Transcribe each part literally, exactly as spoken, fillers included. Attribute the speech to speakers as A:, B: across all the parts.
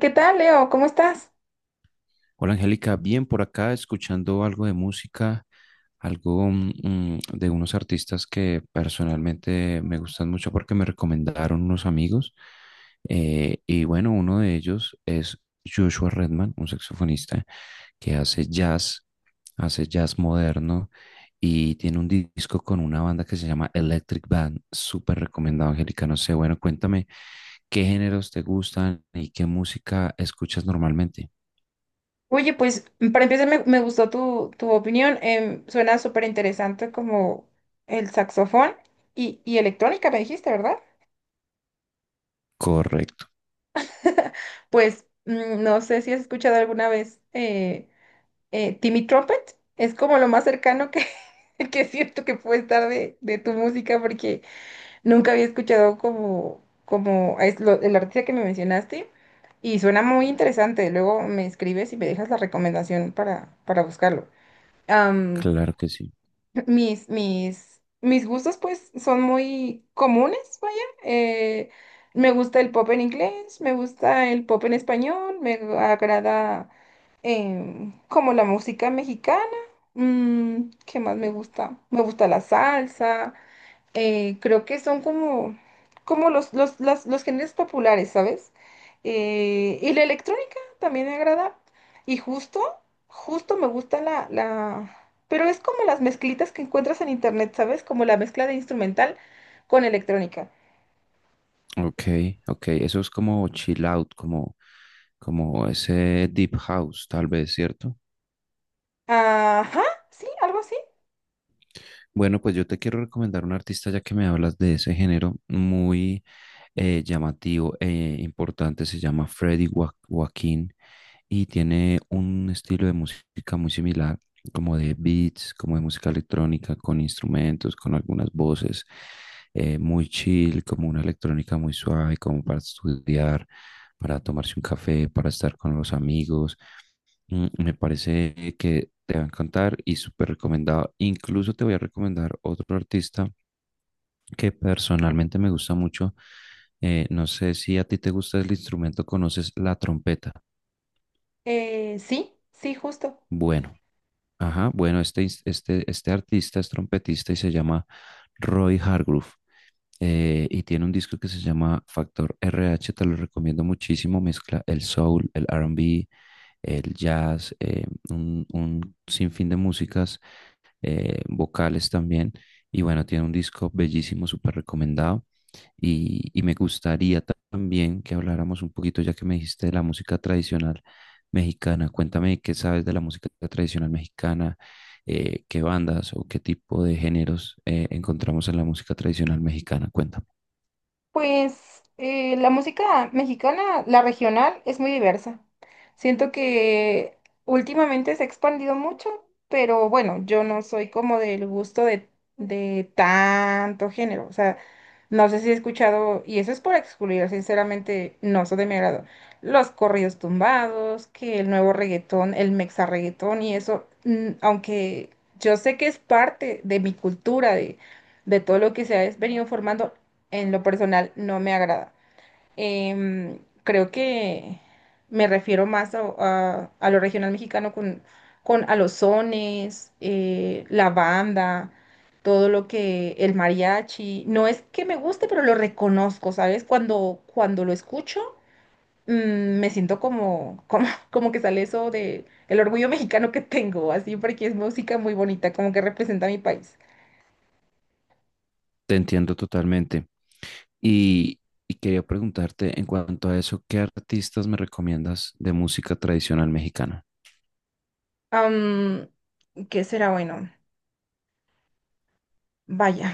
A: ¿Qué tal, Leo? ¿Cómo estás?
B: Hola Angélica, bien por acá escuchando algo de música, algo mm, mm, de unos artistas que personalmente me gustan mucho porque me recomendaron unos amigos. Eh, y bueno, uno de ellos es Joshua Redman, un saxofonista que hace jazz, hace jazz moderno y tiene un disco con una banda que se llama Electric Band. Súper recomendado, Angélica. No sé, bueno, cuéntame qué géneros te gustan y qué música escuchas normalmente.
A: Oye, pues para empezar me, me gustó tu, tu opinión. Em, suena súper interesante como el saxofón y, y electrónica, me dijiste, ¿verdad?
B: Correcto.
A: Pues mm, no sé si has escuchado alguna vez eh, eh, Timmy Trumpet. Es como lo más cercano que, que siento que puede estar de, de tu música porque nunca había escuchado como, como es lo- el artista que me mencionaste y suena muy interesante. Luego me escribes y me dejas la recomendación para, para buscarlo. am,
B: Claro que sí.
A: mis, mis, mis gustos pues son muy comunes, vaya. eh, Me gusta el pop en inglés, me gusta el pop en español, me agrada, em, como la música mexicana. Mm, ¿qué más me gusta? Me gusta la salsa. Eh, creo que son como, como los, los, las- los géneros populares, ¿sabes? Eh, y la electrónica también me agrada. Y justo, justo me gusta la, la... Pero es como las mezclitas que encuentras en internet, ¿sabes? Como la mezcla de instrumental con electrónica.
B: Ok, ok. Eso es como chill out, como, como ese deep house, tal vez, ¿cierto?
A: Ajá, sí, algo así.
B: Bueno, pues yo te quiero recomendar un artista ya que me hablas de ese género muy eh, llamativo e importante. Se llama Freddy Joa- Joaquín y tiene un estilo de música muy similar, como de beats, como de música electrónica, con instrumentos, con algunas voces, eh, muy chill, como una electrónica muy suave, como para estudiar, para tomarse un café, para estar con los amigos. Mm, Me parece que te va a encantar y súper recomendado. Incluso te voy a recomendar otro artista que personalmente me gusta mucho. Eh, no sé si a ti te gusta el instrumento, conoces la trompeta.
A: Eh, sí, sí, justo.
B: Bueno, ajá, bueno, este, ins- este, este artista es trompetista y se llama Roy Hargrove. eh, y tiene un disco que se llama Factor R H, te lo recomiendo muchísimo. Mezcla el soul, el R and B, el jazz, eh, un, un sinfín de músicas eh, vocales también. Y bueno, tiene un disco bellísimo, súper recomendado. Y, y me gustaría ta- también que habláramos un poquito, ya que me dijiste de la música tradicional mexicana. Cuéntame qué sabes de la música tradicional mexicana, eh, qué bandas o qué tipo de géneros eh, encontramos en la música tradicional mexicana. Cuéntame.
A: Pues eh, la música mexicana, la regional, es muy diversa. Siento que últimamente se ha expandido mucho, pero bueno, yo no soy como del gusto de, de tanto género. O sea, no sé si he escuchado, y eso es por excluir, sinceramente, no son de mi agrado. Los corridos tumbados, que el nuevo reggaetón, el mexa reggaetón y eso, mm, aunque yo sé que es parte de mi cultura, de, de todo lo que se ha venido formando, en lo personal no me agrada. Em, Creo que me refiero más a, a- a lo regional mexicano con, con a los sones, eh, la banda, todo lo que el mariachi. No es que me guste, pero lo reconozco, ¿sabes? Cuando, cuando lo escucho, mm, me siento como, como, como que sale eso de el orgullo mexicano que tengo, así porque es música muy bonita, como que representa a mi país.
B: Te entiendo totalmente. Y, y quería preguntarte en cuanto a eso, ¿qué artistas me recomiendas de música tradicional mexicana?
A: Am, ¿Qué será bueno? Vaya.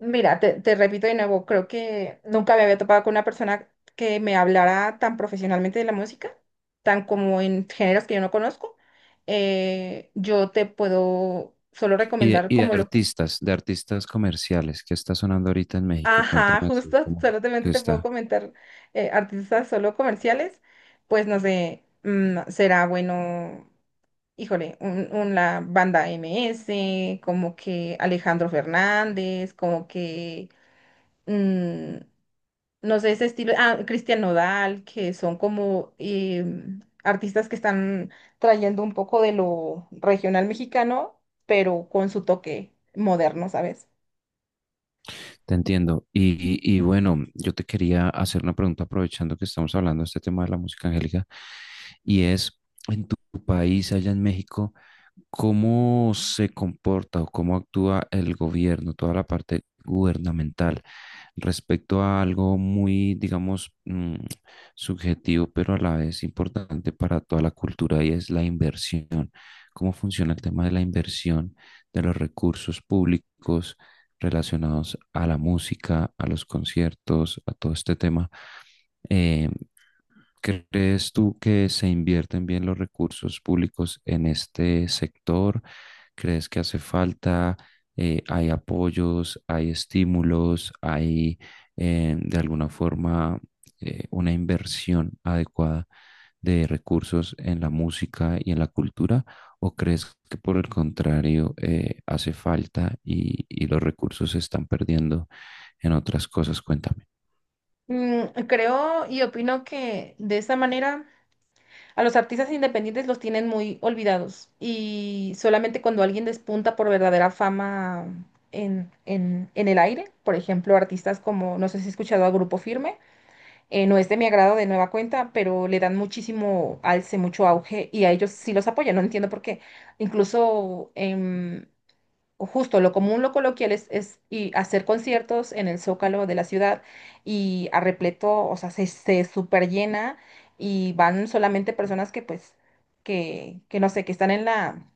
A: Mira, te, te repito de nuevo, creo que nunca me había topado con una persona que me hablara tan profesionalmente de la música, tan como en géneros que yo no conozco. Eh, yo te puedo solo
B: Y de,
A: recomendar
B: y de
A: como lo...
B: artistas, de artistas comerciales, ¿qué está sonando ahorita en México?
A: Ajá,
B: Cuéntame así
A: justo,
B: como
A: solamente
B: que
A: te puedo
B: está.
A: comentar eh, artistas solo comerciales, pues no sé, mm, será bueno, híjole, un, un- la banda M S, como que Alejandro Fernández, como que... mm, no sé, ese estilo, ah, Christian Nodal, que son como eh, artistas que están trayendo un poco de lo regional mexicano, pero con su toque moderno, ¿sabes?
B: Te entiendo. Y, y- y bueno, yo te quería hacer una pregunta aprovechando que estamos hablando de este tema de la música angélica. Y es, en tu país, allá en México, cómo se comporta o cómo actúa el gobierno, toda la parte gubernamental respecto a algo muy, digamos, mm, subjetivo, pero a la vez importante para toda la cultura y es la inversión. ¿Cómo funciona el tema de la inversión de los recursos públicos relacionados a la música, a los conciertos, a todo este tema? eh, ¿Crees tú que se invierten bien los recursos públicos en este sector? ¿Crees que hace falta? Eh, hay apoyos, hay estímulos, hay eh, de alguna forma eh, una inversión adecuada de recursos en la música y en la cultura? ¿O crees que por el contrario eh, hace falta y, y los recursos se están perdiendo en otras cosas? Cuéntame.
A: Mm, creo y opino que de esa manera a los artistas independientes los tienen muy olvidados y solamente cuando alguien despunta por verdadera fama en, en, en el aire, por ejemplo, artistas como, no sé si has escuchado a Grupo Firme. Eh, no es de mi agrado de nueva cuenta, pero le dan muchísimo alce, mucho auge y a ellos sí los apoyan. No entiendo por qué. Incluso, em, justo lo común, lo coloquial es, es y hacer conciertos en el Zócalo de la ciudad y a repleto, o sea, se, se super llena y van solamente personas que pues, que, que no sé, que están en la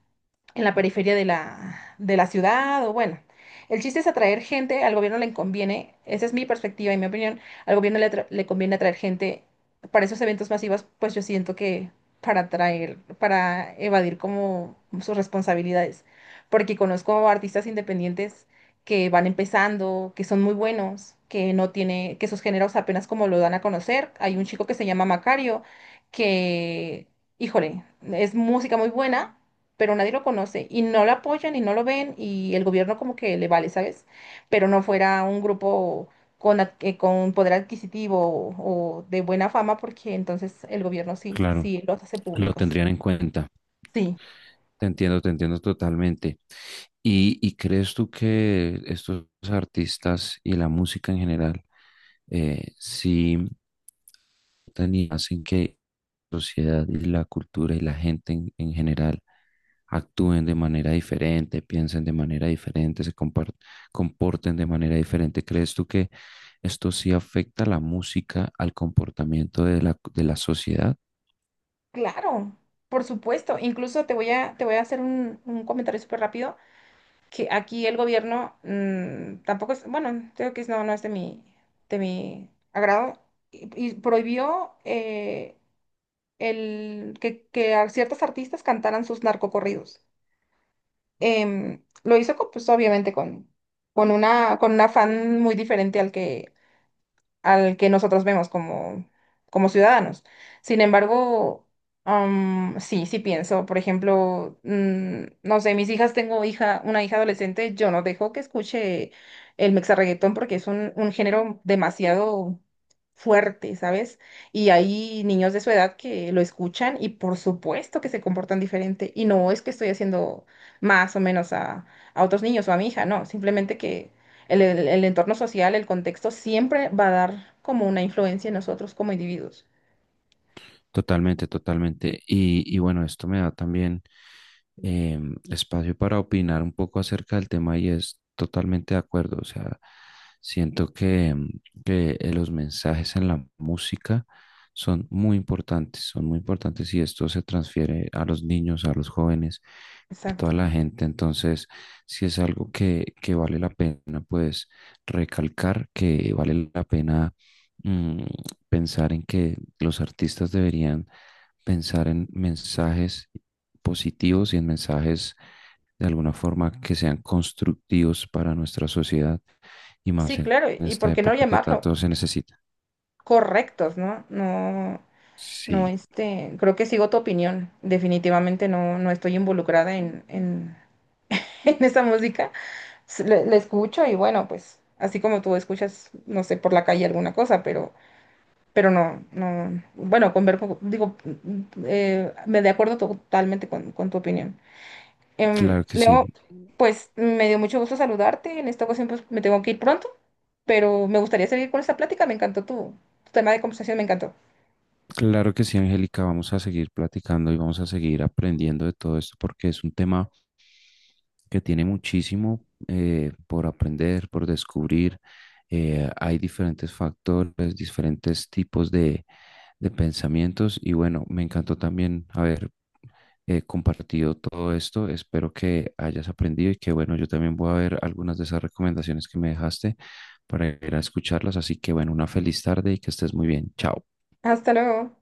A: en la periferia de la, de la ciudad o bueno. El chiste es atraer gente, al gobierno le conviene, esa es mi perspectiva y mi opinión, al gobierno le, atra- le conviene atraer gente para esos eventos masivos, pues yo siento que para atraer, para evadir como sus responsabilidades, porque conozco artistas independientes que van empezando, que son muy buenos, que no tiene, que sus géneros apenas como lo dan a conocer. Hay un chico que se llama Macario, que, híjole, es música muy buena pero nadie lo conoce y no lo apoyan y no lo ven y el gobierno como que le vale, ¿sabes? Pero no fuera un grupo con, ad- eh, con poder adquisitivo o, o de buena fama porque entonces el gobierno sí,
B: Claro,
A: sí los hace
B: lo
A: públicos.
B: tendrían en cuenta.
A: Sí,
B: Te entiendo, te entiendo totalmente. ¿Y, y crees tú que estos artistas y la música en general, eh, sí afectan y hacen que la sociedad y la cultura y la gente en, en general actúen de manera diferente, piensen de manera diferente, se compar- comporten de manera diferente? ¿Crees tú que esto sí afecta la música al comportamiento de la, de la sociedad?
A: claro, por supuesto. Incluso te voy a, te voy a hacer un, un comentario súper rápido que aquí el gobierno mm, tampoco es, bueno, creo que es- no, no es de mi, de mi agrado y, y prohibió... eh, el, que, que a ciertos artistas cantaran sus narcocorridos. Em, lo hizo, con, pues obviamente, con, con, una, con un afán muy diferente al que, al que nosotros vemos como, como ciudadanos. Sin embargo, am, sí, sí pienso, por ejemplo, mm, no sé, mis hijas, tengo hija, una hija adolescente, yo no dejo que escuche el mexarreguetón porque es un, un género demasiado fuerte, ¿sabes? Y hay niños de su edad que lo escuchan y por supuesto que se comportan diferente. Y no es que estoy haciendo más o menos a, a otros niños o a mi hija, no, simplemente que el, el- el entorno social, el contexto, siempre va a dar como una influencia en nosotros como individuos.
B: Totalmente, totalmente. Y, y bueno, esto me da también em, espacio para opinar un poco acerca del tema y es totalmente de acuerdo. O sea, siento que, em, que eh, los mensajes en la música son muy importantes, son muy importantes y esto se transfiere a los niños, a los jóvenes, a
A: Exacto.
B: toda la gente. Entonces, si es algo que, que vale la pena, pues recalcar que vale la pena. mm, Pensar en que los artistas deberían pensar en mensajes positivos y en mensajes de alguna forma que sean constructivos para nuestra sociedad y
A: Sí,
B: más en
A: claro, y
B: esta
A: por qué no
B: época que
A: llamarlo
B: tanto se necesita.
A: correctos, ¿no? No, no,
B: Sí,
A: este, creo que sigo tu opinión. Definitivamente no, no estoy involucrada en, en, en esa música. S- Le, le escucho y bueno, pues, así como tú escuchas, no sé, por la calle alguna cosa, pero, pero no, no, bueno, conver- digo, eh, me de acuerdo totalmente con, con tu opinión. Em,
B: claro que
A: Leo,
B: sí.
A: pues me dio mucho gusto saludarte. En esta ocasión pues me tengo que ir pronto, pero me gustaría seguir con esta plática. Me encantó tu, tu tema de conversación, me encantó.
B: Claro que sí, Angélica, vamos a seguir platicando y vamos a seguir aprendiendo de todo esto porque es un tema que tiene muchísimo eh, por aprender, por descubrir. Eh, hay diferentes factores, diferentes tipos de, de pensamientos y bueno, me encantó también haber eh, compartido todo esto. Espero que hayas aprendido y que bueno, yo también voy a ver algunas de esas recomendaciones que me dejaste para ir a escucharlas. Así que bueno, una feliz tarde y que estés muy bien. Chao.
A: Hasta luego.